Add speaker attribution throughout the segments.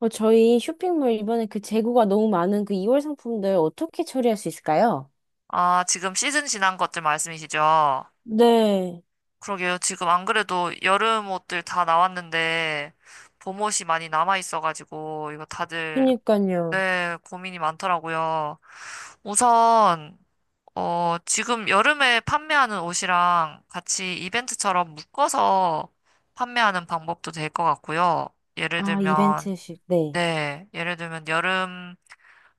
Speaker 1: 저희 쇼핑몰 이번에 그 재고가 너무 많은 그 2월 상품들 어떻게 처리할 수 있을까요?
Speaker 2: 아, 지금 시즌 지난 것들 말씀이시죠?
Speaker 1: 네,
Speaker 2: 그러게요. 지금 안 그래도 여름 옷들 다 나왔는데 봄 옷이 많이 남아 있어가지고 이거 다들,
Speaker 1: 그니까요.
Speaker 2: 네, 고민이 많더라고요. 우선 지금 여름에 판매하는 옷이랑 같이 이벤트처럼 묶어서 판매하는 방법도 될 것 같고요. 예를
Speaker 1: 아,
Speaker 2: 들면,
Speaker 1: 이벤트식, 네.
Speaker 2: 네, 예를 들면 여름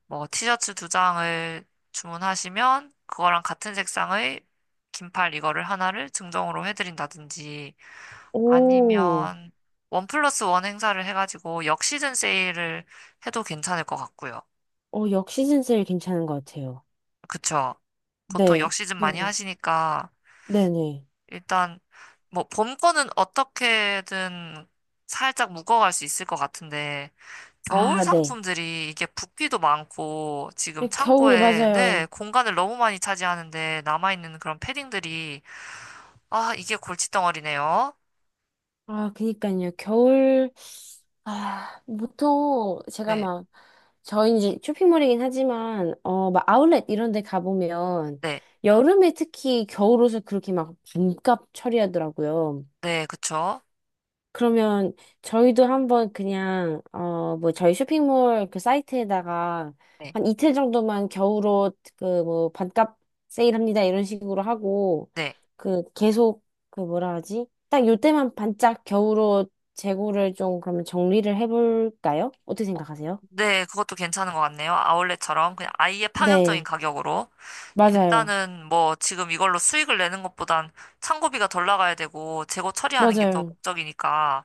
Speaker 2: 뭐 티셔츠 두 장을 주문하시면 그거랑 같은 색상의 긴팔 이거를 하나를 증정으로 해드린다든지,
Speaker 1: 오,
Speaker 2: 아니면 1+1 행사를 해가지고 역시즌 세일을 해도 괜찮을 것 같고요.
Speaker 1: 역시즌 세일 괜찮은 것 같아요.
Speaker 2: 그쵸? 보통
Speaker 1: 네,
Speaker 2: 역시즌 많이
Speaker 1: 그,
Speaker 2: 하시니까.
Speaker 1: 네네.
Speaker 2: 일단 뭐 봄 거는 어떻게든 살짝 묶어갈 수 있을 것 같은데, 겨울
Speaker 1: 아, 네.
Speaker 2: 상품들이 이게 붓기도 많고 지금
Speaker 1: 네, 겨울이
Speaker 2: 창고에, 네,
Speaker 1: 맞아요.
Speaker 2: 공간을 너무 많이 차지하는데 남아있는 그런 패딩들이. 아, 이게 골칫덩어리네요.
Speaker 1: 아, 그니까요. 겨울, 아, 보통 제가
Speaker 2: 네,
Speaker 1: 막 저희 이제 쇼핑몰이긴 하지만 막 아울렛 이런 데 가보면
Speaker 2: 네,
Speaker 1: 여름에 특히 겨울 옷을 그렇게 막 반값 처리하더라고요.
Speaker 2: 네, 그쵸.
Speaker 1: 그러면 저희도 한번 그냥 뭐 저희 쇼핑몰 그 사이트에다가
Speaker 2: 네,
Speaker 1: 한 이틀 정도만 겨울 옷그 뭐 반값 세일합니다 이런 식으로 하고
Speaker 2: 네.
Speaker 1: 그 계속 그 뭐라 하지? 딱 요때만 반짝 겨울 옷 재고를 좀 그러면 정리를 해볼까요? 어떻게 생각하세요?
Speaker 2: 네, 그것도 괜찮은 것 같네요. 아울렛처럼 그냥 아예 파격적인
Speaker 1: 네,
Speaker 2: 가격으로.
Speaker 1: 맞아요.
Speaker 2: 일단은 뭐 지금 이걸로 수익을 내는 것보단 창고비가 덜 나가야 되고 재고 처리하는 게 더
Speaker 1: 맞아요.
Speaker 2: 목적이니까,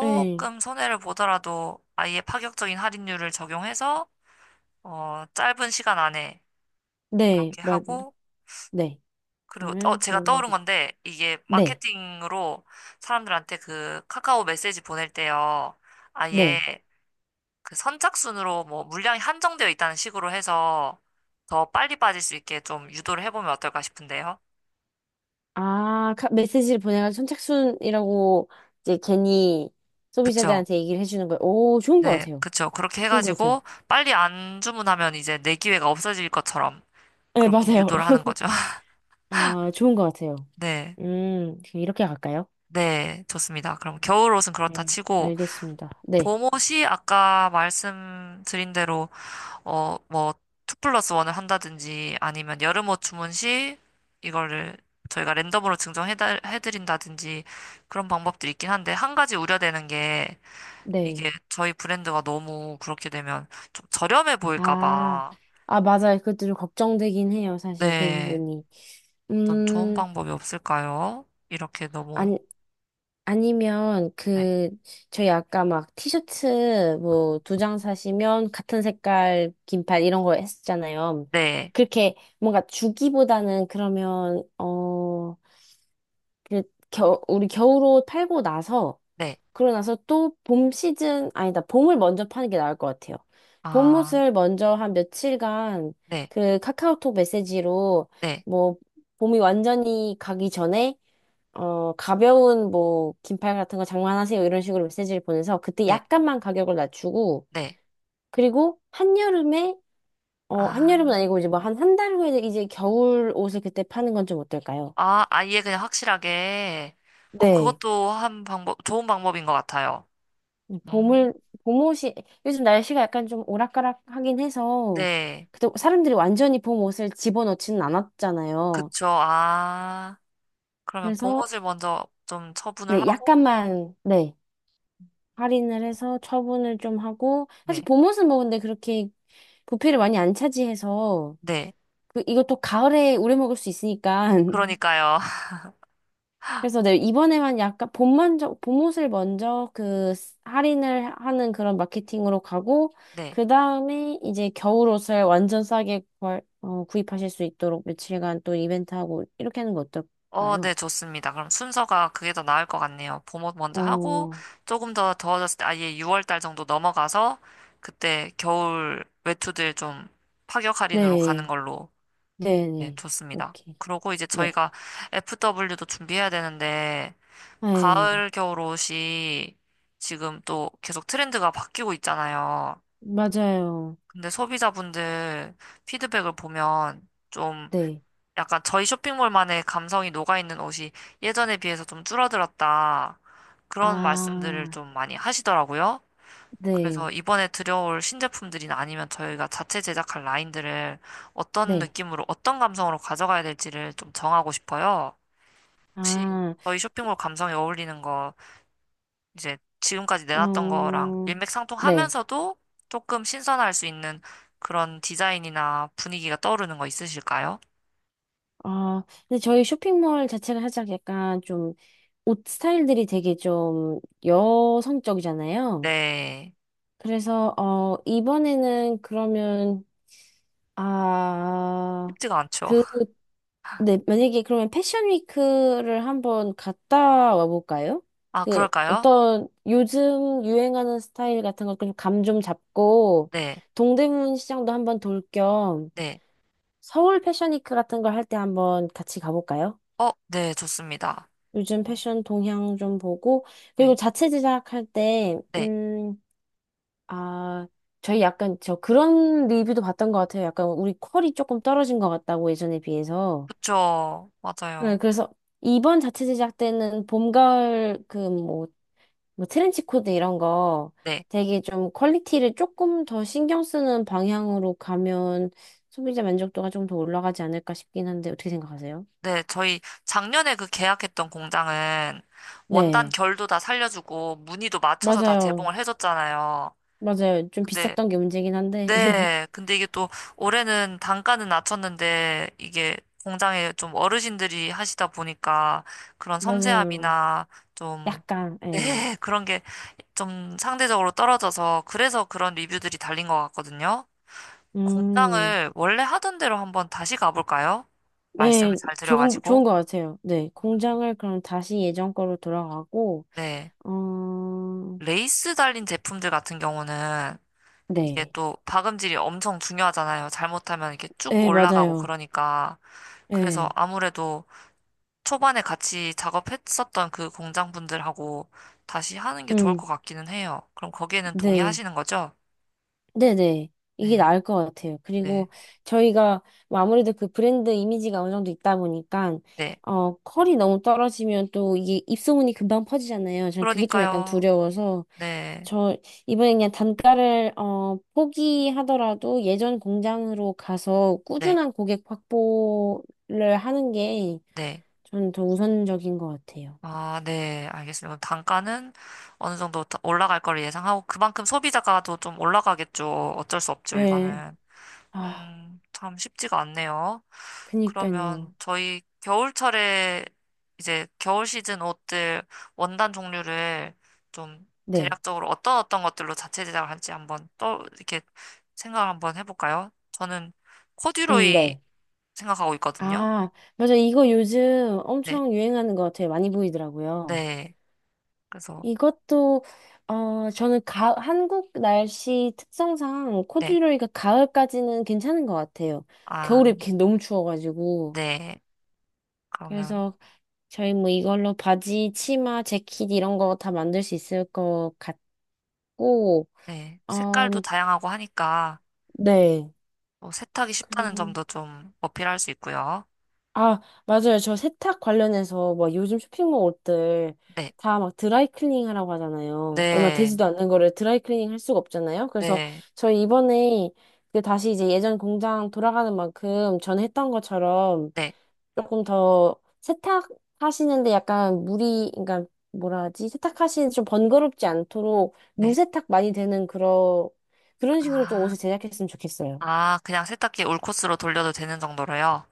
Speaker 1: 네.
Speaker 2: 손해를 보더라도 아예 파격적인 할인율을 적용해서 짧은 시간 안에
Speaker 1: 네,
Speaker 2: 그렇게
Speaker 1: 맞,
Speaker 2: 하고,
Speaker 1: 네.
Speaker 2: 그리고,
Speaker 1: 그러면
Speaker 2: 제가
Speaker 1: 겨울은,
Speaker 2: 떠오른 건데, 이게
Speaker 1: 네,
Speaker 2: 마케팅으로 사람들한테 그 카카오 메시지 보낼 때요, 아예
Speaker 1: 네.
Speaker 2: 그 선착순으로 뭐 물량이 한정되어 있다는 식으로 해서 더 빨리 빠질 수 있게 좀 유도를 해보면 어떨까 싶은데요.
Speaker 1: 아, 메시지를 보내가지고 선착순이라고 이제 괜히
Speaker 2: 그쵸.
Speaker 1: 소비자들한테 얘기를 해주는 거예요. 오, 좋은 것
Speaker 2: 네,
Speaker 1: 같아요.
Speaker 2: 그쵸. 그렇게
Speaker 1: 좋은 것 같아요.
Speaker 2: 해가지고, 빨리 안 주문하면 이제 내 기회가 없어질 것처럼
Speaker 1: 네,
Speaker 2: 그렇게
Speaker 1: 맞아요.
Speaker 2: 유도를 하는 거죠.
Speaker 1: 아, 좋은 것 같아요.
Speaker 2: 네,
Speaker 1: 그럼 이렇게 갈까요?
Speaker 2: 네, 좋습니다. 그럼 겨울 옷은 그렇다
Speaker 1: 네,
Speaker 2: 치고,
Speaker 1: 알겠습니다. 네,
Speaker 2: 보못이 아까 말씀드린 대로 뭐 투 플러스 원을 한다든지 아니면 여름 옷 주문 시 이거를 저희가 랜덤으로 증정해 해드린다든지 그런 방법들이 있긴 한데, 한 가지 우려되는 게 이게
Speaker 1: 네.
Speaker 2: 저희 브랜드가 너무 그렇게 되면 좀 저렴해 보일까
Speaker 1: 아,
Speaker 2: 봐.
Speaker 1: 아, 맞아요. 그것도 좀 걱정되긴 해요. 사실 그
Speaker 2: 네.
Speaker 1: 부분이.
Speaker 2: 어떤 좋은
Speaker 1: 음,
Speaker 2: 방법이 없을까요? 이렇게 너무.
Speaker 1: 아니, 아니면
Speaker 2: 네.
Speaker 1: 그 저희 아까 막 티셔츠 뭐 두 장 사시면 같은 색깔 긴팔 이런 거 했었잖아요.
Speaker 2: 네.
Speaker 1: 그렇게 뭔가 주기보다는 그러면 어그 겨 우리 겨울옷 팔고 나서
Speaker 2: 네.
Speaker 1: 그러고 나서 또 봄 시즌 아니다 봄을 먼저 파는 게 나을 것 같아요.
Speaker 2: 아,
Speaker 1: 봄옷을 먼저 한 며칠간
Speaker 2: 네.
Speaker 1: 그 카카오톡 메시지로
Speaker 2: 네.
Speaker 1: 뭐 봄이 완전히 가기 전에 가벼운 뭐 긴팔 같은 거 장만하세요 이런 식으로 메시지를 보내서 그때
Speaker 2: 네.
Speaker 1: 약간만 가격을 낮추고
Speaker 2: 네.
Speaker 1: 그리고 한여름에
Speaker 2: 아.
Speaker 1: 한여름은 아니고 이제 뭐 한 달 후에 이제 겨울 옷을 그때 파는 건 좀 어떨까요?
Speaker 2: 아, 아예 그냥 확실하게.
Speaker 1: 네.
Speaker 2: 그것도 한 방법, 좋은 방법인 것 같아요. 음,
Speaker 1: 봄을 봄옷이 요즘 날씨가 약간 좀 오락가락하긴 해서
Speaker 2: 네.
Speaker 1: 그때 사람들이 완전히 봄 옷을 집어넣지는 않았잖아요.
Speaker 2: 그쵸. 아, 그러면
Speaker 1: 그래서
Speaker 2: 봄옷을 먼저 좀 처분을
Speaker 1: 네,
Speaker 2: 하고,
Speaker 1: 약간만 네. 할인을 해서 처분을 좀 하고 사실
Speaker 2: 네.
Speaker 1: 봄옷은 뭐 근데 그렇게 부피를 많이 안 차지해서
Speaker 2: 네.
Speaker 1: 그 이것도 가을에 우려 먹을 수 있으니까
Speaker 2: 그러니까요.
Speaker 1: 그래서 내 이번에만 약간 봄만 봄옷을 먼저 그 할인을 하는 그런 마케팅으로 가고
Speaker 2: 네.
Speaker 1: 그 다음에 이제 겨울옷을 완전 싸게 구입하실 수 있도록 며칠간 또 이벤트하고 이렇게 하는 거 어떨까요?
Speaker 2: 네, 좋습니다. 그럼 순서가 그게 더 나을 것 같네요. 봄옷 먼저 하고,
Speaker 1: 어,
Speaker 2: 조금 더 더워졌을 때, 아예 6월 달 정도 넘어가서, 그때 겨울 외투들 좀 파격 할인으로 가는
Speaker 1: 네,
Speaker 2: 걸로.
Speaker 1: 네,
Speaker 2: 네,
Speaker 1: 네,
Speaker 2: 좋습니다.
Speaker 1: 오케이,
Speaker 2: 그러고 이제
Speaker 1: 네,
Speaker 2: 저희가 FW도 준비해야 되는데,
Speaker 1: 네,
Speaker 2: 가을 겨울 옷이 지금 또 계속 트렌드가 바뀌고 있잖아요.
Speaker 1: 맞아요.
Speaker 2: 근데 소비자분들 피드백을 보면 좀
Speaker 1: 네.
Speaker 2: 약간 저희 쇼핑몰만의 감성이 녹아있는 옷이 예전에 비해서 좀 줄어들었다, 그런 말씀들을
Speaker 1: 아,
Speaker 2: 좀 많이 하시더라고요. 그래서
Speaker 1: 네,
Speaker 2: 이번에 들여올 신제품들이나 아니면 저희가 자체 제작할 라인들을 어떤
Speaker 1: 네.
Speaker 2: 느낌으로, 어떤 감성으로 가져가야 될지를 좀 정하고 싶어요. 혹시
Speaker 1: 아,
Speaker 2: 저희 쇼핑몰 감성에 어울리는 거, 이제 지금까지 내놨던 거랑
Speaker 1: 어 네.
Speaker 2: 일맥상통하면서도 조금 신선할 수 있는 그런 디자인이나 분위기가 떠오르는 거 있으실까요?
Speaker 1: 아, 근데 저희 쇼핑몰 자체가 살짝 약간 좀 옷 스타일들이 되게 좀 여성적이잖아요.
Speaker 2: 네.
Speaker 1: 그래서, 이번에는 그러면, 아,
Speaker 2: 쉽지가 않죠.
Speaker 1: 그 네, 만약에 그러면 패션 위크를 한번 갔다 와볼까요?
Speaker 2: 아,
Speaker 1: 그
Speaker 2: 그럴까요?
Speaker 1: 어떤 요즘 유행하는 스타일 같은 걸좀감 좀 잡고
Speaker 2: 네.
Speaker 1: 동대문 시장도 한번 돌 겸
Speaker 2: 네.
Speaker 1: 서울 패션 위크 같은 걸 할 때 한번 같이 가볼까요?
Speaker 2: 네, 좋습니다.
Speaker 1: 요즘 패션 동향 좀 보고 그리고
Speaker 2: 네.
Speaker 1: 자체 제작할 때
Speaker 2: 네.
Speaker 1: 아, 저희 약간 저 그런 리뷰도 봤던 것 같아요. 약간 우리 퀄이 조금 떨어진 것 같다고 예전에 비해서.
Speaker 2: 그쵸.
Speaker 1: 네,
Speaker 2: 맞아요.
Speaker 1: 그래서 이번 자체 제작 때는 봄, 가을 그 뭐, 뭐 트렌치 코드 이런 거
Speaker 2: 네.
Speaker 1: 되게 좀 퀄리티를 조금 더 신경 쓰는 방향으로 가면 소비자 만족도가 좀 더 올라가지 않을까 싶긴 한데 어떻게 생각하세요?
Speaker 2: 네, 저희 작년에 그 계약했던 공장은 원단
Speaker 1: 네,
Speaker 2: 결도 다 살려주고 무늬도 맞춰서 다
Speaker 1: 맞아요.
Speaker 2: 제공을 해줬잖아요.
Speaker 1: 맞아요. 좀
Speaker 2: 근데,
Speaker 1: 비쌌던 게 문제긴 한데.
Speaker 2: 네, 근데 이게 또 올해는 단가는 낮췄는데 이게 공장에 좀 어르신들이 하시다 보니까 그런
Speaker 1: 맞아요.
Speaker 2: 섬세함이나 좀.
Speaker 1: 약간, 예.
Speaker 2: 네, 그런 게 좀 상대적으로 떨어져서 그래서 그런 리뷰들이 달린 것 같거든요.
Speaker 1: 음,
Speaker 2: 공장을 원래 하던 대로 한번 다시 가볼까요? 말씀을
Speaker 1: 네,
Speaker 2: 잘
Speaker 1: 좋은
Speaker 2: 드려가지고.
Speaker 1: 것 같아요. 네, 공장을 그럼 다시 예전 거로 돌아가고,
Speaker 2: 네.
Speaker 1: 어,
Speaker 2: 레이스 달린 제품들 같은 경우는 이게
Speaker 1: 네.
Speaker 2: 또 박음질이 엄청 중요하잖아요. 잘못하면 이렇게 쭉
Speaker 1: 네,
Speaker 2: 올라가고
Speaker 1: 맞아요.
Speaker 2: 그러니까. 그래서
Speaker 1: 네,
Speaker 2: 아무래도 초반에 같이 작업했었던 그 공장 분들하고 다시 하는 게 좋을
Speaker 1: 음,
Speaker 2: 것 같기는 해요. 그럼 거기에는
Speaker 1: 네,
Speaker 2: 동의하시는 거죠?
Speaker 1: 네네. 이게
Speaker 2: 네,
Speaker 1: 나을 것 같아요.
Speaker 2: 네,
Speaker 1: 그리고 저희가 뭐 아무래도 그 브랜드 이미지가 어느 정도 있다 보니까,
Speaker 2: 네.
Speaker 1: 컬이 너무 떨어지면 또 이게 입소문이 금방 퍼지잖아요. 저는 그게 좀 약간
Speaker 2: 그러니까요.
Speaker 1: 두려워서,
Speaker 2: 네,
Speaker 1: 저 이번에 그냥 단가를, 포기하더라도 예전 공장으로 가서
Speaker 2: 네,
Speaker 1: 꾸준한 고객 확보를 하는 게
Speaker 2: 네.
Speaker 1: 저는 더 우선적인 것 같아요.
Speaker 2: 아, 네. 알겠습니다. 그럼 단가는 어느 정도 올라갈 거를 예상하고 그만큼 소비자가도 좀 올라가겠죠. 어쩔 수 없죠,
Speaker 1: 예,
Speaker 2: 이거는.
Speaker 1: 아,
Speaker 2: 참 쉽지가 않네요.
Speaker 1: 그니까요.
Speaker 2: 그러면 저희 겨울철에 이제 겨울 시즌 옷들 원단 종류를 좀
Speaker 1: 네,
Speaker 2: 대략적으로 어떤 어떤 것들로 자체 제작을 할지 한번 또 이렇게 생각을 한번 해볼까요? 저는 코듀로이
Speaker 1: 네.
Speaker 2: 생각하고 있거든요.
Speaker 1: 아, 맞아. 이거 요즘
Speaker 2: 네,
Speaker 1: 엄청 유행하는 것 같아요. 많이 보이더라고요.
Speaker 2: 네. 그래서,
Speaker 1: 이것도, 저는 가, 한국 날씨 특성상
Speaker 2: 네.
Speaker 1: 코듀로이가 가을까지는 괜찮은 것 같아요.
Speaker 2: 아,
Speaker 1: 겨울에 이렇게 너무 추워가지고.
Speaker 2: 네. 그러면,
Speaker 1: 그래서 저희 뭐 이걸로 바지, 치마, 재킷 이런 거 다 만들 수 있을 것 같고,
Speaker 2: 네. 색깔도
Speaker 1: 음,
Speaker 2: 다양하고 하니까
Speaker 1: 네.
Speaker 2: 또 세탁이 쉽다는 점도 좀 어필할 수 있고요.
Speaker 1: 아, 맞아요. 저 세탁 관련해서 뭐 요즘 쇼핑몰 옷들
Speaker 2: 네,
Speaker 1: 다 막 드라이클리닝 하라고 하잖아요. 얼마
Speaker 2: 네,
Speaker 1: 되지도 않는 거를 드라이클리닝 할 수가 없잖아요. 그래서
Speaker 2: 네.
Speaker 1: 저희 이번에 그 다시 이제 예전 공장 돌아가는 만큼 전에 했던 것처럼
Speaker 2: 네,
Speaker 1: 조금 더 세탁하시는데 약간 물이, 그러니까 뭐라 하지? 세탁하시는데 좀 번거롭지 않도록 물
Speaker 2: 네.
Speaker 1: 세탁 많이 되는 그런, 그런 식으로 좀
Speaker 2: 아,
Speaker 1: 옷을 제작했으면 좋겠어요.
Speaker 2: 아, 그냥 세탁기 올 코스로 돌려도 되는 정도로요?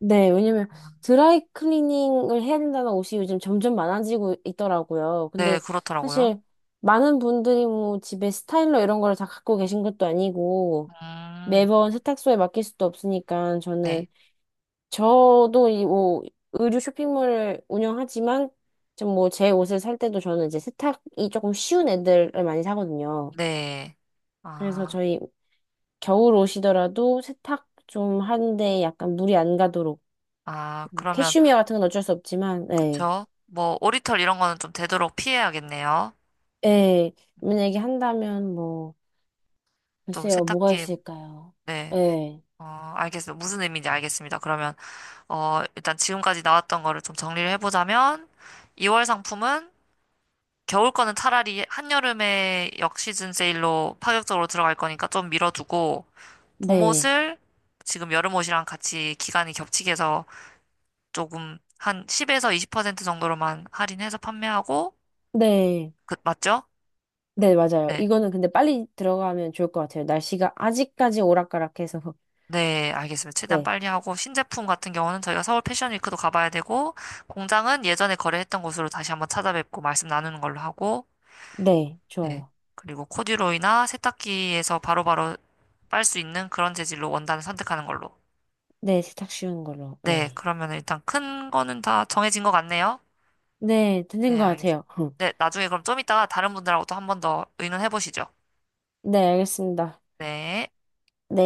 Speaker 1: 네, 왜냐면 드라이 클리닝을 해야 된다는 옷이 요즘 점점 많아지고 있더라고요.
Speaker 2: 네,
Speaker 1: 근데
Speaker 2: 그렇더라고요.
Speaker 1: 사실 많은 분들이 뭐 집에 스타일러 이런 걸 다 갖고 계신 것도 아니고
Speaker 2: 음,
Speaker 1: 매번 세탁소에 맡길 수도 없으니까 저는
Speaker 2: 네,
Speaker 1: 저도 이 뭐 의류 쇼핑몰을 운영하지만 좀 뭐 제 옷을 살 때도 저는 이제 세탁이 조금 쉬운 애들을 많이 사거든요.
Speaker 2: 네.
Speaker 1: 그래서
Speaker 2: 아,
Speaker 1: 저희 겨울 옷이더라도 세탁 좀 하는데 약간 물이 안 가도록
Speaker 2: 아,
Speaker 1: 뭐
Speaker 2: 그러면,
Speaker 1: 캐슈미어 같은 건 어쩔 수 없지만, 예.
Speaker 2: 그쵸? 뭐, 오리털 이런 거는 좀 되도록 피해야겠네요.
Speaker 1: 예. 만약에 한다면 뭐,
Speaker 2: 좀
Speaker 1: 글쎄요, 뭐가
Speaker 2: 세탁기에,
Speaker 1: 있을까요?
Speaker 2: 네,
Speaker 1: 예.
Speaker 2: 어, 알겠어요. 무슨 의미인지 알겠습니다. 그러면, 일단 지금까지 나왔던 거를 좀 정리를 해보자면, 2월 상품은 겨울 거는 차라리 한여름에 역시즌 세일로 파격적으로 들어갈 거니까 좀 밀어두고,
Speaker 1: 네.
Speaker 2: 봄옷을 지금 여름옷이랑 같이 기간이 겹치게 해서 조금 한 10에서 20% 정도로만 할인해서 판매하고,
Speaker 1: 네.
Speaker 2: 그, 맞죠?
Speaker 1: 네, 맞아요.
Speaker 2: 네.
Speaker 1: 이거는 근데 빨리 들어가면 좋을 것 같아요. 날씨가 아직까지 오락가락해서.
Speaker 2: 네, 알겠습니다. 최대한
Speaker 1: 네.
Speaker 2: 빨리 하고, 신제품 같은 경우는 저희가 서울 패션위크도 가봐야 되고, 공장은 예전에 거래했던 곳으로 다시 한번 찾아뵙고 말씀 나누는 걸로 하고,
Speaker 1: 네,
Speaker 2: 네.
Speaker 1: 좋아요.
Speaker 2: 그리고 코듀로이나 세탁기에서 바로바로 빨 수 있는 그런 재질로 원단을 선택하는 걸로.
Speaker 1: 네, 세탁 쉬운 걸로.
Speaker 2: 네,
Speaker 1: 네.
Speaker 2: 그러면 일단 큰 거는 다 정해진 것 같네요.
Speaker 1: 네, 되는
Speaker 2: 네,
Speaker 1: 것 같아요.
Speaker 2: 알겠습니다. 네, 나중에 그럼 좀 이따가 다른 분들하고도 한 번 더 의논해 보시죠.
Speaker 1: 네, 알겠습니다.
Speaker 2: 네.
Speaker 1: 네.